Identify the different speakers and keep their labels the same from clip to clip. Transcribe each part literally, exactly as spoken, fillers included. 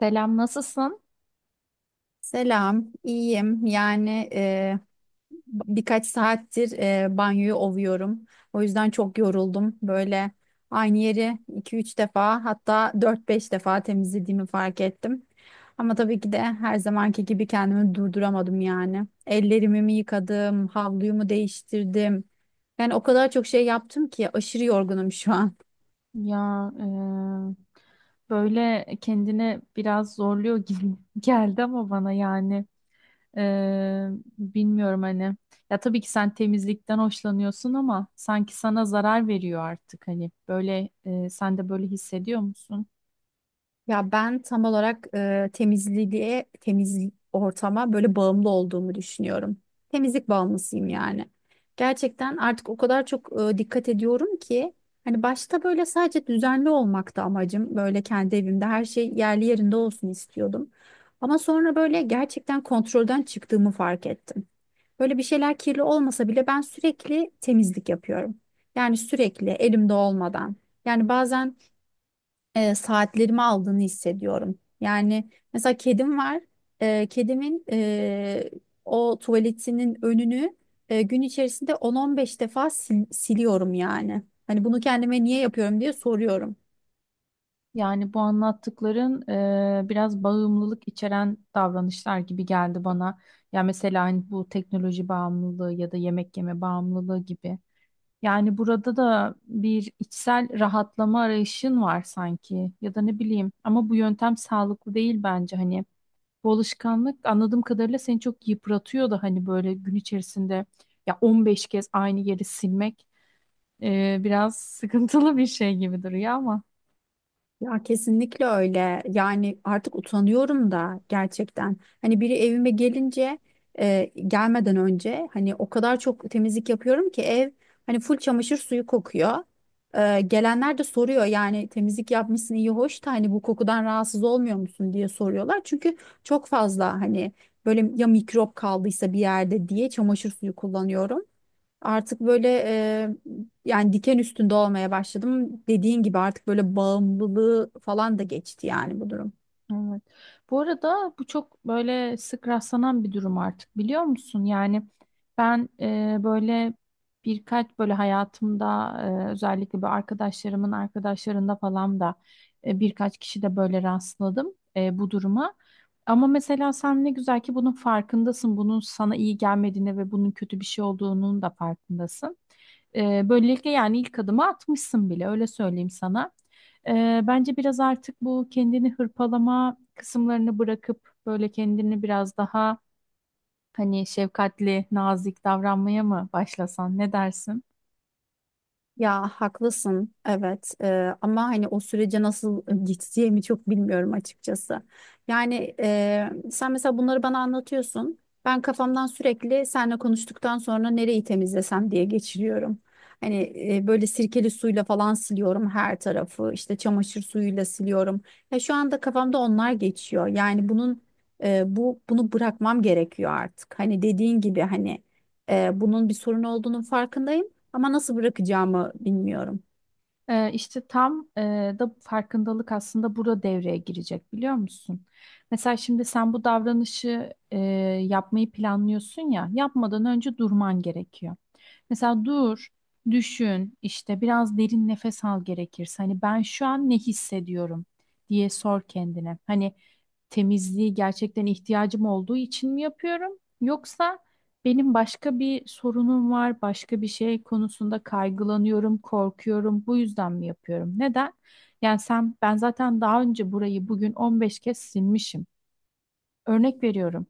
Speaker 1: Selam, nasılsın?
Speaker 2: Selam, iyiyim. Yani e, birkaç saattir e, banyoyu ovuyorum. O yüzden çok yoruldum. Böyle aynı yeri iki üç defa hatta dört beş defa temizlediğimi fark ettim. Ama tabii ki de her zamanki gibi kendimi durduramadım yani. Ellerimi mi yıkadım, havluyu mu değiştirdim. Yani o kadar çok şey yaptım ki aşırı yorgunum şu an.
Speaker 1: Ya e, böyle kendini biraz zorluyor gibi geldi ama bana yani e, bilmiyorum hani. Ya tabii ki sen temizlikten hoşlanıyorsun ama sanki sana zarar veriyor artık hani böyle e, sen de böyle hissediyor musun?
Speaker 2: Ya ben tam olarak e, temizliğe, temiz ortama böyle bağımlı olduğumu düşünüyorum. Temizlik bağımlısıyım yani. Gerçekten artık o kadar çok e, dikkat ediyorum ki hani başta böyle sadece düzenli olmakta amacım. Böyle kendi evimde her şey yerli yerinde olsun istiyordum. Ama sonra böyle gerçekten kontrolden çıktığımı fark ettim. Böyle bir şeyler kirli olmasa bile ben sürekli temizlik yapıyorum. Yani sürekli elimde olmadan. Yani bazen e, saatlerimi aldığını hissediyorum. Yani mesela kedim var. E, kedimin e, o tuvaletinin önünü e, gün içerisinde on on beş defa sil- siliyorum yani. Hani bunu kendime niye yapıyorum diye soruyorum.
Speaker 1: Yani bu anlattıkların e, biraz bağımlılık içeren davranışlar gibi geldi bana. Ya mesela hani bu teknoloji bağımlılığı ya da yemek yeme bağımlılığı gibi. Yani burada da bir içsel rahatlama arayışın var sanki ya da ne bileyim ama bu yöntem sağlıklı değil bence hani bu alışkanlık anladığım kadarıyla seni çok yıpratıyor da hani böyle gün içerisinde ya on beş kez aynı yeri silmek e, biraz sıkıntılı bir şey gibi duruyor ama.
Speaker 2: Ya kesinlikle öyle. Yani artık utanıyorum da gerçekten. Hani biri evime gelince e, gelmeden önce hani o kadar çok temizlik yapıyorum ki ev hani full çamaşır suyu kokuyor. E, gelenler de soruyor yani temizlik yapmışsın iyi hoş da hani bu kokudan rahatsız olmuyor musun diye soruyorlar. Çünkü çok fazla hani böyle ya mikrop kaldıysa bir yerde diye çamaşır suyu kullanıyorum. Artık böyle e, yani diken üstünde olmaya başladım. Dediğin gibi artık böyle bağımlılığı falan da geçti yani bu durum.
Speaker 1: Evet. Bu arada bu çok böyle sık rastlanan bir durum artık biliyor musun? Yani ben e, böyle birkaç böyle hayatımda e, özellikle bir arkadaşlarımın arkadaşlarında falan da e, birkaç kişi de böyle rastladım e, bu duruma. Ama mesela sen ne güzel ki bunun farkındasın. Bunun sana iyi gelmediğine ve bunun kötü bir şey olduğunun da farkındasın. E, böylelikle yani ilk adımı atmışsın bile öyle söyleyeyim sana. Ee, bence biraz artık bu kendini hırpalama kısımlarını bırakıp böyle kendini biraz daha hani şefkatli, nazik davranmaya mı başlasan? Ne dersin?
Speaker 2: Ya haklısın, evet. Ee, ama hani o sürece nasıl geçeceğimi çok bilmiyorum açıkçası. Yani e, sen mesela bunları bana anlatıyorsun. Ben kafamdan sürekli seninle konuştuktan sonra nereyi temizlesem diye geçiriyorum. Hani e, böyle sirkeli suyla falan siliyorum her tarafı, işte çamaşır suyuyla siliyorum. Ya şu anda kafamda onlar geçiyor. Yani bunun e, bu bunu bırakmam gerekiyor artık. Hani dediğin gibi hani e, bunun bir sorun olduğunun farkındayım. Ama nasıl bırakacağımı bilmiyorum.
Speaker 1: Ee, işte tam e, da farkındalık aslında burada devreye girecek biliyor musun? Mesela şimdi sen bu davranışı e, yapmayı planlıyorsun ya, yapmadan önce durman gerekiyor. Mesela dur, düşün, işte biraz derin nefes al gerekirse. Hani ben şu an ne hissediyorum diye sor kendine. Hani temizliği gerçekten ihtiyacım olduğu için mi yapıyorum? Yoksa benim başka bir sorunum var, başka bir şey konusunda kaygılanıyorum, korkuyorum. Bu yüzden mi yapıyorum? Neden? Yani sen, ben zaten daha önce burayı bugün on beş kez silmişim. Örnek veriyorum.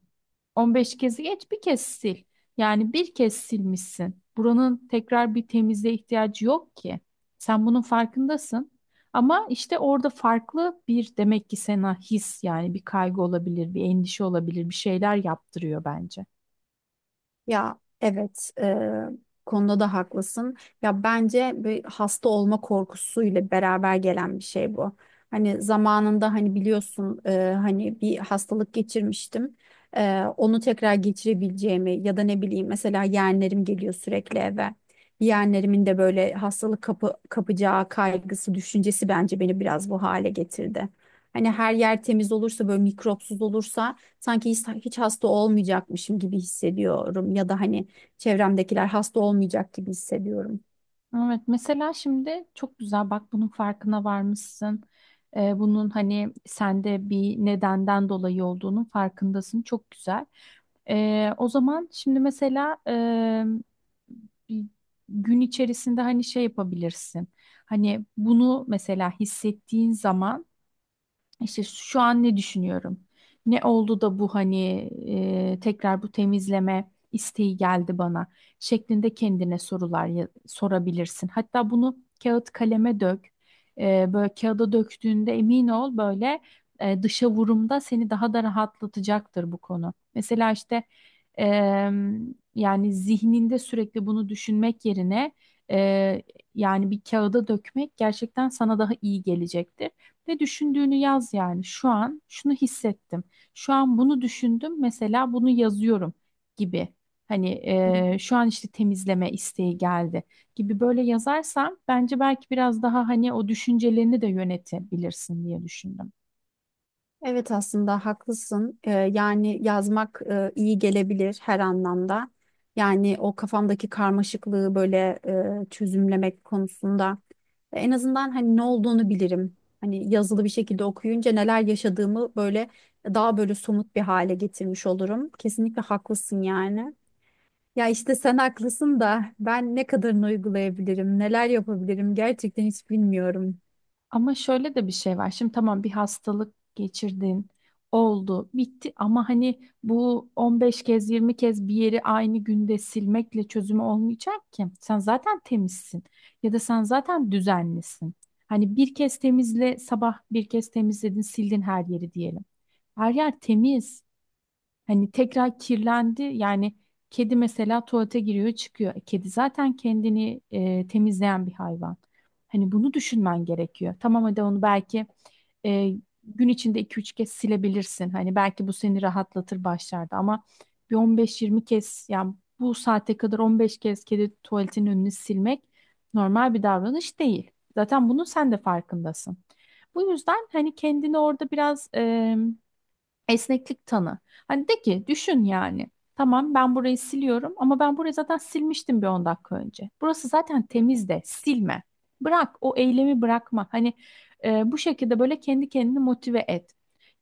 Speaker 1: on beş kezi geç bir kez sil. Yani bir kez silmişsin. Buranın tekrar bir temizliğe ihtiyacı yok ki. Sen bunun farkındasın. Ama işte orada farklı bir demek ki sana his yani bir kaygı olabilir, bir endişe olabilir, bir şeyler yaptırıyor bence.
Speaker 2: Ya evet, e, konuda da haklısın. Ya bence bir hasta olma korkusuyla beraber gelen bir şey bu. Hani zamanında hani biliyorsun e, hani bir hastalık geçirmiştim. E, onu tekrar geçirebileceğimi ya da ne bileyim mesela yeğenlerim geliyor sürekli eve. Yeğenlerimin de böyle hastalık kapı, kapacağı kaygısı, düşüncesi bence beni biraz bu hale getirdi. Hani her yer temiz olursa, böyle mikropsuz olursa sanki hiç, hiç hasta olmayacakmışım gibi hissediyorum, ya da hani çevremdekiler hasta olmayacak gibi hissediyorum.
Speaker 1: Evet, mesela şimdi çok güzel bak bunun farkına varmışsın. Ee, bunun hani sende bir nedenden dolayı olduğunun farkındasın. Çok güzel. Ee, o zaman şimdi mesela e, bir gün içerisinde hani şey yapabilirsin. Hani bunu mesela hissettiğin zaman işte şu an ne düşünüyorum? Ne oldu da bu hani e, tekrar bu temizleme isteği geldi bana şeklinde kendine sorular ya- sorabilirsin. Hatta bunu kağıt kaleme dök. E, böyle kağıda döktüğünde emin ol böyle e, dışa vurumda seni daha da rahatlatacaktır bu konu. Mesela işte e, yani zihninde sürekli bunu düşünmek yerine e, yani bir kağıda dökmek gerçekten sana daha iyi gelecektir. Ne düşündüğünü yaz yani. Şu an şunu hissettim. Şu an bunu düşündüm. Mesela bunu yazıyorum gibi. Hani eee, şu an işte temizleme isteği geldi gibi böyle yazarsam bence belki biraz daha hani o düşüncelerini de yönetebilirsin diye düşündüm.
Speaker 2: Evet, aslında haklısın. Ee, yani yazmak e, iyi gelebilir her anlamda. Yani o kafamdaki karmaşıklığı böyle e, çözümlemek konusunda en azından hani ne olduğunu bilirim. Hani yazılı bir şekilde okuyunca neler yaşadığımı böyle daha böyle somut bir hale getirmiş olurum. Kesinlikle haklısın yani. Ya işte sen haklısın da ben ne kadarını uygulayabilirim, neler yapabilirim gerçekten hiç bilmiyorum.
Speaker 1: Ama şöyle de bir şey var. Şimdi tamam bir hastalık geçirdin, oldu, bitti ama hani bu on beş kez yirmi kez bir yeri aynı günde silmekle çözümü olmayacak ki. Sen zaten temizsin ya da sen zaten düzenlisin. Hani bir kez temizle sabah bir kez temizledin, sildin her yeri diyelim. Her yer temiz. Hani tekrar kirlendi yani kedi mesela tuvalete giriyor çıkıyor. E, Kedi zaten kendini e, temizleyen bir hayvan. Hani bunu düşünmen gerekiyor. Tamam hadi onu belki e, gün içinde iki üç kez silebilirsin. Hani belki bu seni rahatlatır başlarda ama bir on beş yirmi kez yani bu saate kadar on beş kez kedi tuvaletinin önünü silmek normal bir davranış değil. Zaten bunun sen de farkındasın. Bu yüzden hani kendini orada biraz esneklik tanı. Hani de ki düşün yani. Tamam ben burayı siliyorum ama ben burayı zaten silmiştim bir on dakika önce. Burası zaten temiz de silme. Bırak o eylemi bırakma. Hani e, bu şekilde böyle kendi kendini motive et.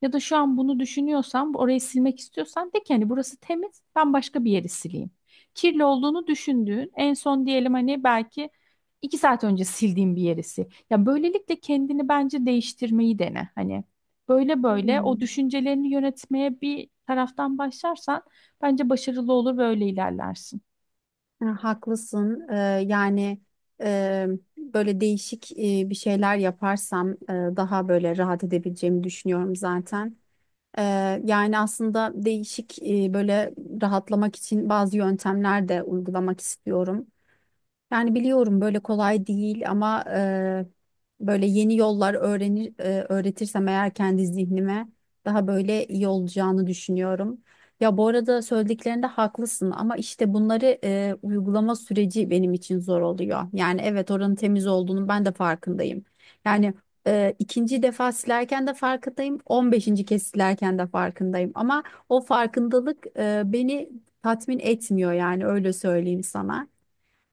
Speaker 1: Ya da şu an bunu düşünüyorsan orayı silmek istiyorsan de ki hani burası temiz ben başka bir yeri sileyim. Kirli olduğunu düşündüğün en son diyelim hani belki iki saat önce sildiğin bir yerisi. Ya böylelikle kendini bence değiştirmeyi dene. Hani böyle böyle o
Speaker 2: Hmm.
Speaker 1: düşüncelerini yönetmeye bir taraftan başlarsan bence başarılı olur ve öyle ilerlersin.
Speaker 2: Ha, haklısın. Ee, yani e, böyle değişik e, bir şeyler yaparsam e, daha böyle rahat edebileceğimi düşünüyorum zaten. Ee, yani aslında değişik e, böyle rahatlamak için bazı yöntemler de uygulamak istiyorum. Yani biliyorum böyle kolay değil, ama e, böyle yeni yollar öğrenir, e, öğretirsem eğer kendi zihnime daha böyle iyi olacağını düşünüyorum. Ya bu arada söylediklerinde haklısın, ama işte bunları e, uygulama süreci benim için zor oluyor. Yani evet, oranın temiz olduğunu ben de farkındayım. Yani e, ikinci defa silerken de farkındayım, on beşinci kez silerken de farkındayım. Ama o farkındalık e, beni tatmin etmiyor, yani öyle söyleyeyim sana.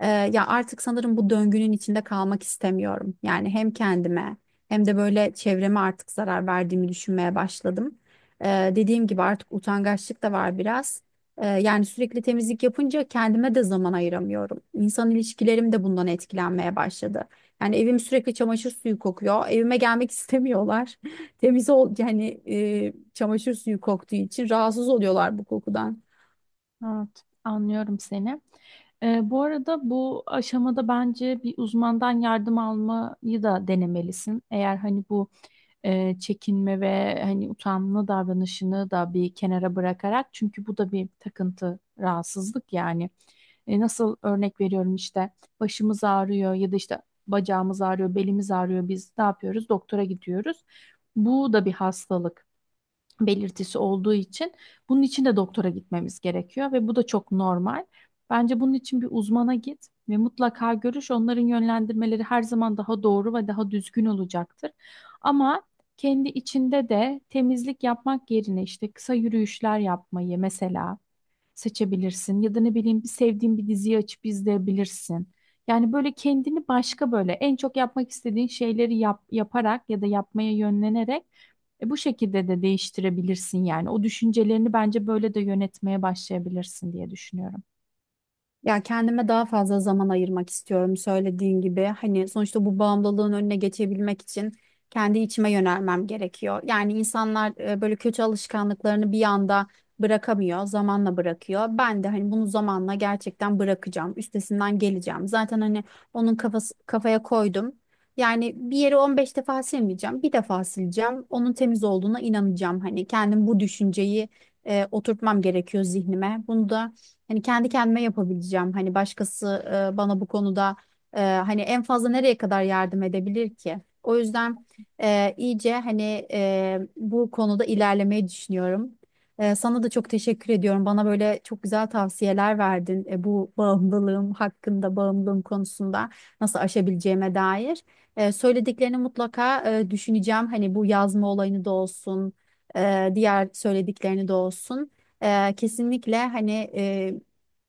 Speaker 2: Ee, ya artık sanırım bu döngünün içinde kalmak istemiyorum. Yani hem kendime hem de böyle çevreme artık zarar verdiğimi düşünmeye başladım. Ee, dediğim gibi artık utangaçlık da var biraz. Ee, yani sürekli temizlik yapınca kendime de zaman ayıramıyorum. İnsan ilişkilerim de bundan etkilenmeye başladı. Yani evim sürekli çamaşır suyu kokuyor. Evime gelmek istemiyorlar. Temiz ol yani, e, çamaşır suyu koktuğu için rahatsız oluyorlar bu kokudan.
Speaker 1: Evet, anlıyorum seni. Ee, bu arada bu aşamada bence bir uzmandan yardım almayı da denemelisin. Eğer hani bu e, çekinme ve hani utanma davranışını da bir kenara bırakarak çünkü bu da bir takıntı, rahatsızlık yani. E, nasıl örnek veriyorum işte başımız ağrıyor ya da işte bacağımız ağrıyor, belimiz ağrıyor. Biz ne yapıyoruz? Doktora gidiyoruz. Bu da bir hastalık belirtisi olduğu için bunun için de doktora gitmemiz gerekiyor ve bu da çok normal. Bence bunun için bir uzmana git ve mutlaka görüş. Onların yönlendirmeleri her zaman daha doğru ve daha düzgün olacaktır. Ama kendi içinde de temizlik yapmak yerine işte kısa yürüyüşler yapmayı mesela seçebilirsin ya da ne bileyim bir sevdiğin bir diziyi açıp izleyebilirsin. Yani böyle kendini başka böyle en çok yapmak istediğin şeyleri yap, yaparak ya da yapmaya yönlenerek e, bu şekilde de değiştirebilirsin yani. O düşüncelerini bence böyle de yönetmeye başlayabilirsin diye düşünüyorum.
Speaker 2: Ya kendime daha fazla zaman ayırmak istiyorum, söylediğin gibi. Hani sonuçta bu bağımlılığın önüne geçebilmek için kendi içime yönelmem gerekiyor. Yani insanlar e, böyle kötü alışkanlıklarını bir anda bırakamıyor, zamanla bırakıyor. Ben de hani bunu zamanla gerçekten bırakacağım, üstesinden geleceğim. Zaten hani onun kafası, kafaya koydum. Yani bir yeri on beş defa silmeyeceğim, bir defa sileceğim. Onun temiz olduğuna inanacağım. Hani kendim bu düşünceyi e, oturtmam gerekiyor zihnime. Bunu da hani kendi kendime yapabileceğim. Hani başkası e, bana bu konuda e, hani en fazla nereye kadar yardım edebilir ki? O yüzden e, iyice hani e, bu konuda ilerlemeyi düşünüyorum. E, sana da çok teşekkür ediyorum. Bana böyle çok güzel tavsiyeler verdin e, bu bağımlılığım hakkında, bağımlılığım konusunda nasıl aşabileceğime dair. E, söylediklerini mutlaka e, düşüneceğim. Hani bu yazma olayını da olsun, e, diğer söylediklerini de olsun. Ee, kesinlikle hani e,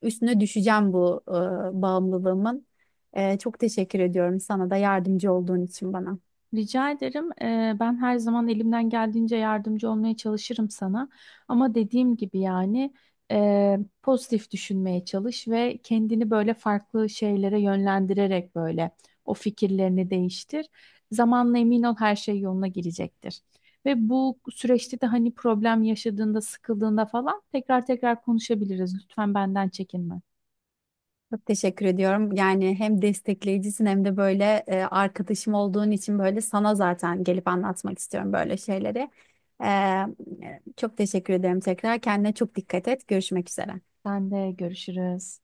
Speaker 2: üstüne düşeceğim bu e, bağımlılığımın. Ee, çok teşekkür ediyorum sana da yardımcı olduğun için bana.
Speaker 1: Rica ederim. Eee, ben her zaman elimden geldiğince yardımcı olmaya çalışırım sana. Ama dediğim gibi yani eee, pozitif düşünmeye çalış ve kendini böyle farklı şeylere yönlendirerek böyle o fikirlerini değiştir. Zamanla emin ol her şey yoluna girecektir. Ve bu süreçte de hani problem yaşadığında, sıkıldığında falan tekrar tekrar konuşabiliriz. Lütfen benden çekinme.
Speaker 2: Çok teşekkür ediyorum. Yani hem destekleyicisin hem de böyle e, arkadaşım olduğun için böyle sana zaten gelip anlatmak istiyorum böyle şeyleri. Ee, çok teşekkür ederim tekrar. Kendine çok dikkat et. Görüşmek üzere.
Speaker 1: Sen de görüşürüz.